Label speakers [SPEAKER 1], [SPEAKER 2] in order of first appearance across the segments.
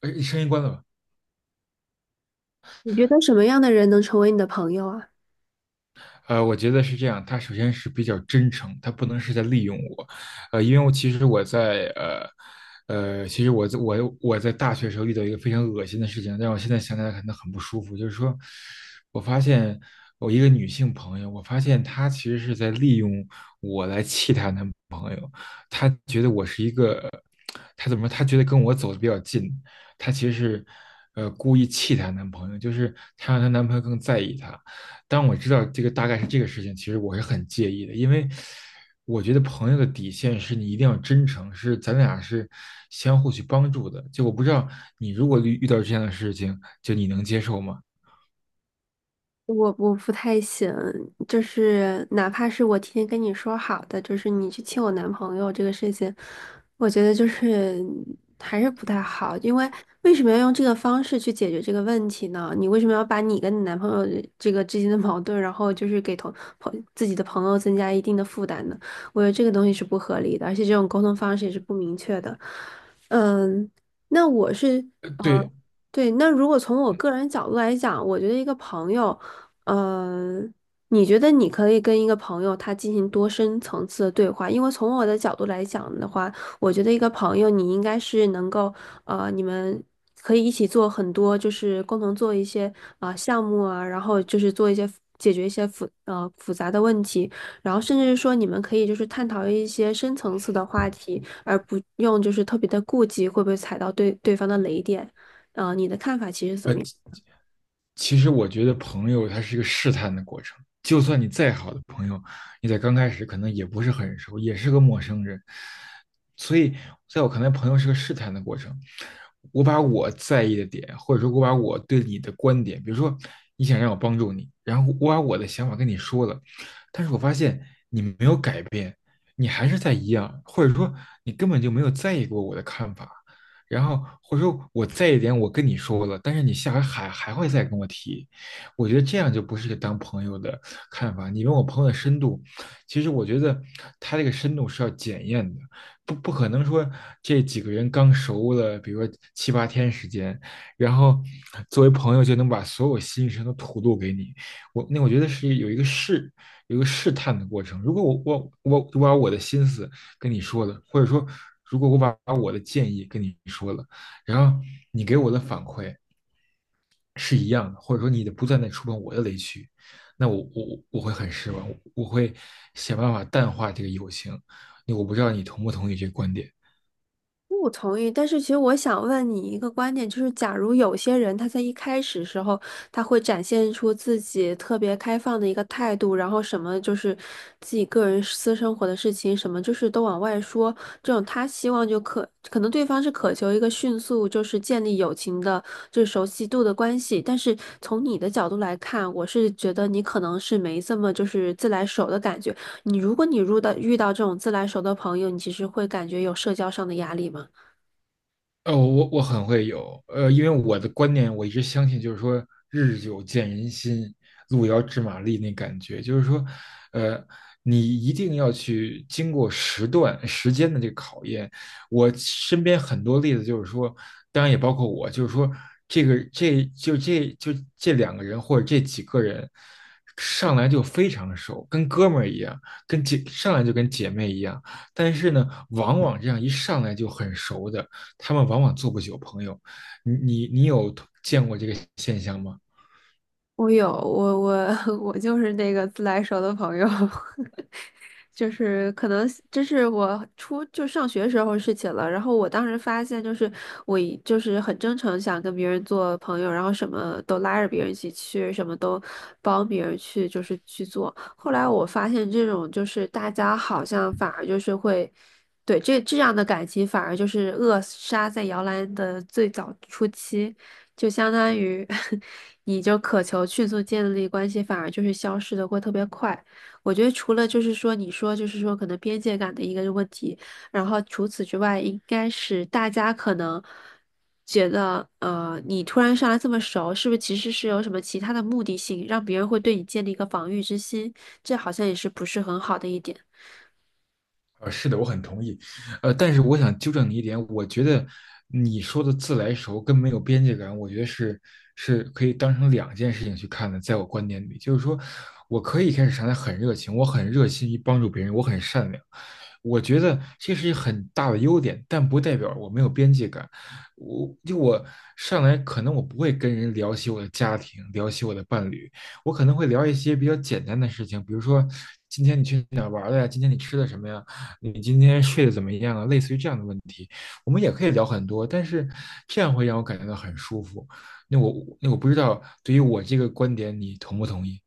[SPEAKER 1] 哎，声音关了吧？
[SPEAKER 2] 你觉得什么样的人能成为你的朋友啊？
[SPEAKER 1] 我觉得是这样，他首先是比较真诚，他不能是在利用我，因为我其实我在呃呃，其实我在我我在大学时候遇到一个非常恶心的事情，让我现在想起来可能很不舒服，就是说，我发现我一个女性朋友，我发现她其实是在利用我来气她男朋友，她觉得我是一个，她怎么说？她觉得跟我走的比较近，她其实是故意气她男朋友，就是她让她男朋友更在意她。当我知道这个大概是这个事情，其实我是很介意的，因为我觉得朋友的底线是你一定要真诚，是咱俩是相互去帮助的。就我不知道你如果遇到这样的事情，就你能接受吗？
[SPEAKER 2] 我不太行，就是哪怕是我提前跟你说好的，就是你去亲我男朋友这个事情，我觉得就是还是不太好，因为为什么要用这个方式去解决这个问题呢？你为什么要把你跟你男朋友的这个之间的矛盾，然后就是给同朋自己的朋友增加一定的负担呢？我觉得这个东西是不合理的，而且这种沟通方式也是不明确的。嗯，那我是
[SPEAKER 1] 呃
[SPEAKER 2] 呃，
[SPEAKER 1] 对，
[SPEAKER 2] 对，那如果从我个人角度来讲，我觉得一个朋友。嗯，你觉得你可以跟一个朋友他进行多深层次的对话？因为从我的角度来讲的话，我觉得一个朋友你应该是能够，你们可以一起做很多，就是共同做一些项目啊，然后就是做一些解决一些复杂的问题，然后甚至是说你们可以就是探讨一些深层次的话题，而不用就是特别的顾忌会不会踩到对方的雷点。你的看法其实怎么样？
[SPEAKER 1] 呃其实我觉得朋友他是一个试探的过程，就算你再好的朋友，你在刚开始可能也不是很熟，也是个陌生人，所以在我看来，朋友是个试探的过程。我把我在意的点，或者说我把我对你的观点，比如说你想让我帮助你，然后我把我的想法跟你说了，但是我发现你没有改变，你还是在一样，或者说你根本就没有在意过我的看法，然后或者说我在一点我跟你说了，但是你下回还会再跟我提，我觉得这样就不是个当朋友的看法。你问我朋友的深度，其实我觉得他这个深度是要检验的，不可能说这几个人刚熟了，比如说七八天时间，然后作为朋友就能把所有心声都吐露给你。我那我觉得是有一个试探的过程。如果我把我的心思跟你说了，或者说如果我把我的建议跟你说了，然后你给我的反馈是一样的，或者说你的不断在触碰我的雷区，那我会很失望，我会想办法淡化这个友情。我不知道你同不同意这个观点。
[SPEAKER 2] 我同意，但是其实我想问你一个观点，就是假如有些人他在一开始时候，他会展现出自己特别开放的一个态度，然后什么就是自己个人私生活的事情，什么就是都往外说，这种他希望就可能对方是渴求一个迅速就是建立友情的，就是熟悉度的关系，但是从你的角度来看，我是觉得你可能是没这么就是自来熟的感觉。你如果你入到遇到这种自来熟的朋友，你其实会感觉有社交上的压力吗？
[SPEAKER 1] 呃，我很会有，因为我的观念，我一直相信，就是说日久见人心，路遥知马力那感觉，就是说，呃，你一定要去经过时段时间的这个考验。我身边很多例子就是说，当然也包括我，就是说这两个人或者这几个人上来就非常熟，跟哥们儿一样，跟姐上来就跟姐妹一样，但是呢，往往这样一上来就很熟的。他们往往做不久朋友。你有见过这个现象吗？
[SPEAKER 2] 我有 我就是那个自来熟的朋友，就是可能这是我初就上学时候的事情了。然后我当时发现，就是我一就是很真诚想跟别人做朋友，然后什么都拉着别人一起去，什么都帮别人去就是去做。后来我发现这种就是大家好像反而就是会。对，这样的感情反而就是扼杀在摇篮的最早初期。就相当于 你就渴求迅速建立关系，反而就是消失的会特别快。我觉得除了就是说你说就是说可能边界感的一个问题，然后除此之外，应该是大家可能觉得你突然上来这么熟，是不是其实是有什么其他的目的性，让别人会对你建立一个防御之心？这好像也是不是很好的一点。
[SPEAKER 1] 呃，是的，我很同意。但是我想纠正你一点，我觉得你说的自来熟跟没有边界感，我觉得是可以当成两件事情去看的。在我观点里，就是说我可以一开始上来很热情，我很热心于帮助别人，我很善良，我觉得这是一个很大的优点，但不代表我没有边界感。我上来可能我不会跟人聊起我的家庭，聊起我的伴侣，我可能会聊一些比较简单的事情，比如说今天你去哪儿玩了呀？今天你吃的什么呀？你今天睡得怎么样啊？类似于这样的问题，我们也可以聊很多，但是这样会让我感觉到很舒服。那我那我不知道，对于我这个观点，你同不同意？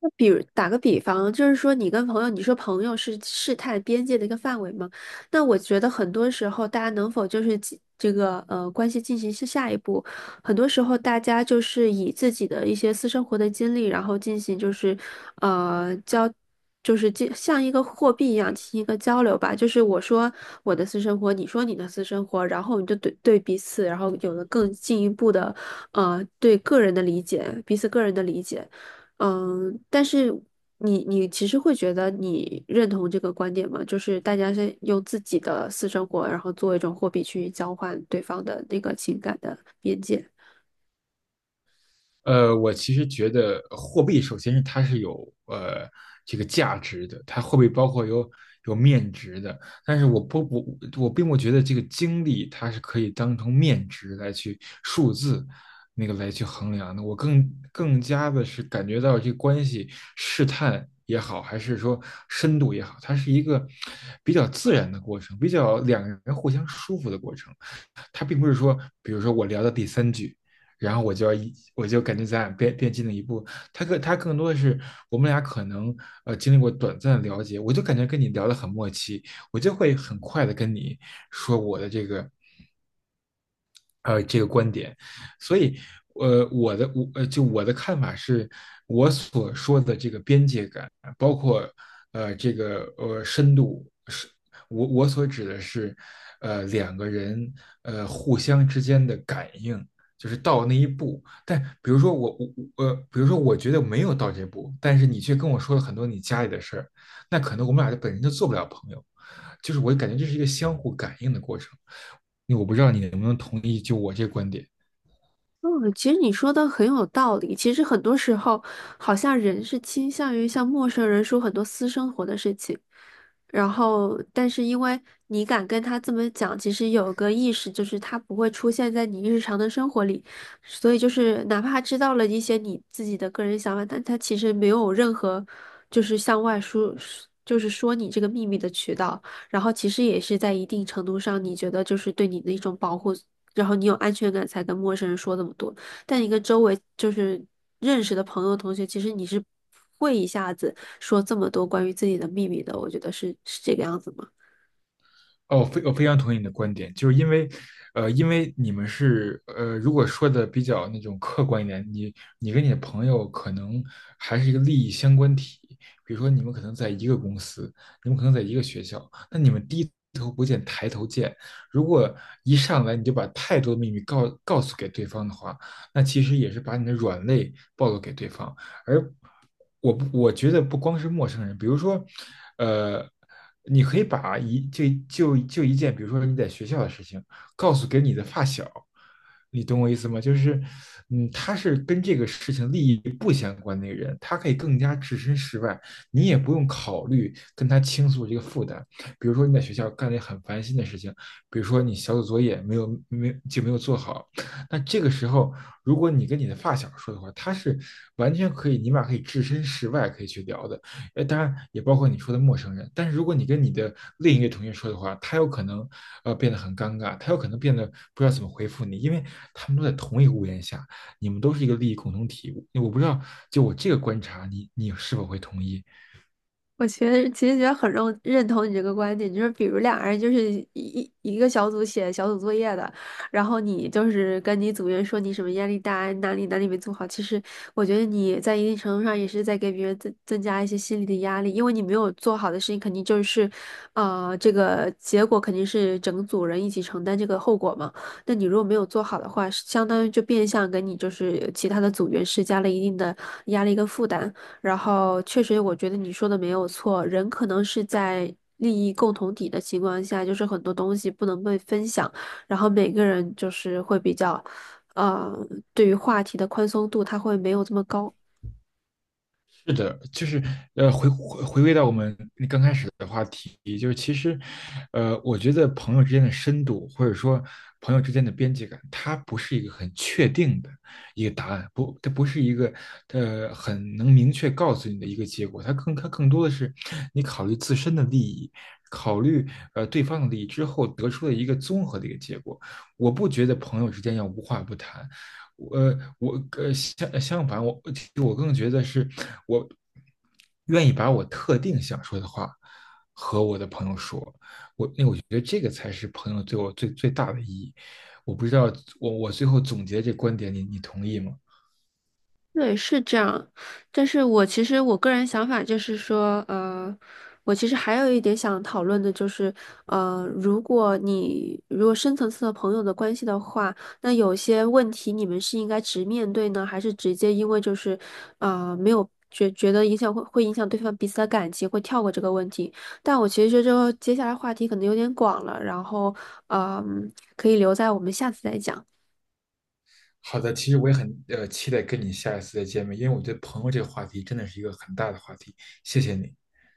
[SPEAKER 2] 那比如打个比方，就是说你跟朋友，你说朋友是试探边界的一个范围嘛？那我觉得很多时候，大家能否就是进这个关系进行下一步，很多时候大家就是以自己的一些私生活的经历，然后进行就是交。就是进像一个货币一样进行一个交流吧，就是我说我的私生活，你说你的私生活，然后你就对彼此，然后有了更进一步的，对个人的理解，彼此个人的理解。嗯，但是你其实会觉得你认同这个观点吗？就是大家是用自己的私生活，然后作为一种货币去交换对方的那个情感的边界。
[SPEAKER 1] 呃，我其实觉得货币首先是它是有这个价值的，它货币包括有面值的，但是我并不觉得这个经历它是可以当成面值来去数字那个来去衡量的，我更加的是感觉到这个关系试探也好，还是说深度也好，它是一个比较自然的过程，比较两个人互相舒服的过程。它并不是说，比如说我聊到第三句，然后我就感觉咱俩变近了一步。他更多的是我们俩可能经历过短暂的了解，我就感觉跟你聊得很默契，我就会很快的跟你说我的这个这个观点，所以呃我的我呃就我的看法是，我所说的这个边界感，包括这个深度是，我所指的是，两个人互相之间的感应，就是到那一步。但比如说我我我呃，比如说我觉得没有到这步，但是你却跟我说了很多你家里的事儿，那可能我们俩就本身就做不了朋友。就是我感觉这是一个相互感应的过程。我不知道你能不能同意，就我这个观点。
[SPEAKER 2] 嗯，其实你说的很有道理。其实很多时候，好像人是倾向于向陌生人说很多私生活的事情，然后，但是因为你敢跟他这么讲，其实有个意识，就是他不会出现在你日常的生活里，所以就是哪怕他知道了一些你自己的个人想法，但他其实没有任何就是向外说，就是说你这个秘密的渠道。然后其实也是在一定程度上，你觉得就是对你的一种保护，然后你有安全感才跟陌生人说这么多。但你跟周围就是认识的朋友、同学，其实你是不会一下子说这么多关于自己的秘密的，我觉得是这个样子吗？
[SPEAKER 1] 哦，非常同意你的观点，就是因为，因为你们是，如果说的比较那种客观一点，你跟你的朋友可能还是一个利益相关体，比如说你们可能在一个公司，你们可能在一个学校，那你们低头不见抬头见，如果一上来你就把太多的秘密告诉给对方的话，那其实也是把你的软肋暴露给对方，而我我觉得不光是陌生人，比如说，呃，你可以把一就就就一件，比如说你在学校的事情，告诉给你的发小，你懂我意思吗？就是，嗯，他是跟这个事情利益不相关的一个人，他可以更加置身事外，你也不用考虑跟他倾诉这个负担。比如说你在学校干了一个很烦心的事情，比如说你小组作业没有做好，那这个时候，如果你跟你的发小说的话，他是完全可以，你们俩可以置身事外，可以去聊的。呃，当然也包括你说的陌生人。但是如果你跟你的另一个同学说的话，他有可能变得很尴尬，他有可能变得不知道怎么回复你，因为他们都在同一个屋檐下，你们都是一个利益共同体。我不知道，就我这个观察，你你是否会同意？
[SPEAKER 2] 我觉得其实觉得很认同你这个观点，就是比如两个人就是一个小组写小组作业的，然后你就是跟你组员说你什么压力大，哪里哪里没做好，其实我觉得你在一定程度上也是在给别人增加一些心理的压力，因为你没有做好的事情，肯定就是，啊这个结果肯定是整组人一起承担这个后果嘛。那你如果没有做好的话，相当于就变相给你就是其他的组员施加了一定的压力跟负担。然后确实，我觉得你说的没有错，人可能是在利益共同体的情况下，就是很多东西不能被分享，然后每个人就是会比较，呃，对于话题的宽松度他会没有这么高。
[SPEAKER 1] 是的，就是回归到我们刚开始的话题，就是其实，我觉得朋友之间的深度，或者说朋友之间的边界感，它不是一个很确定的一个答案，不，它不是一个很能明确告诉你的一个结果，它更多的是你考虑自身的利益，考虑对方的利益之后得出的一个综合的一个结果。我不觉得朋友之间要无话不谈，我我相反，我其实我更觉得是我愿意把我特定想说的话和我的朋友说，我因为我觉得这个才是朋友对我最大的意义。我不知道我最后总结这观点，你你同意吗？
[SPEAKER 2] 对，是这样，但是我其实我个人想法就是说，我其实还有一点想讨论的就是，如果你如果深层次的朋友的关系的话，那有些问题你们是应该直面对呢，还是直接因为就是，没有觉得影响会影响对方彼此的感情，会跳过这个问题？但我其实觉得这个接下来话题可能有点广了，然后，嗯、可以留在我们下次再讲。
[SPEAKER 1] 好的，其实我也很期待跟你下一次再见面，因为我觉得朋友这个话题真的是一个很大的话题。谢谢你。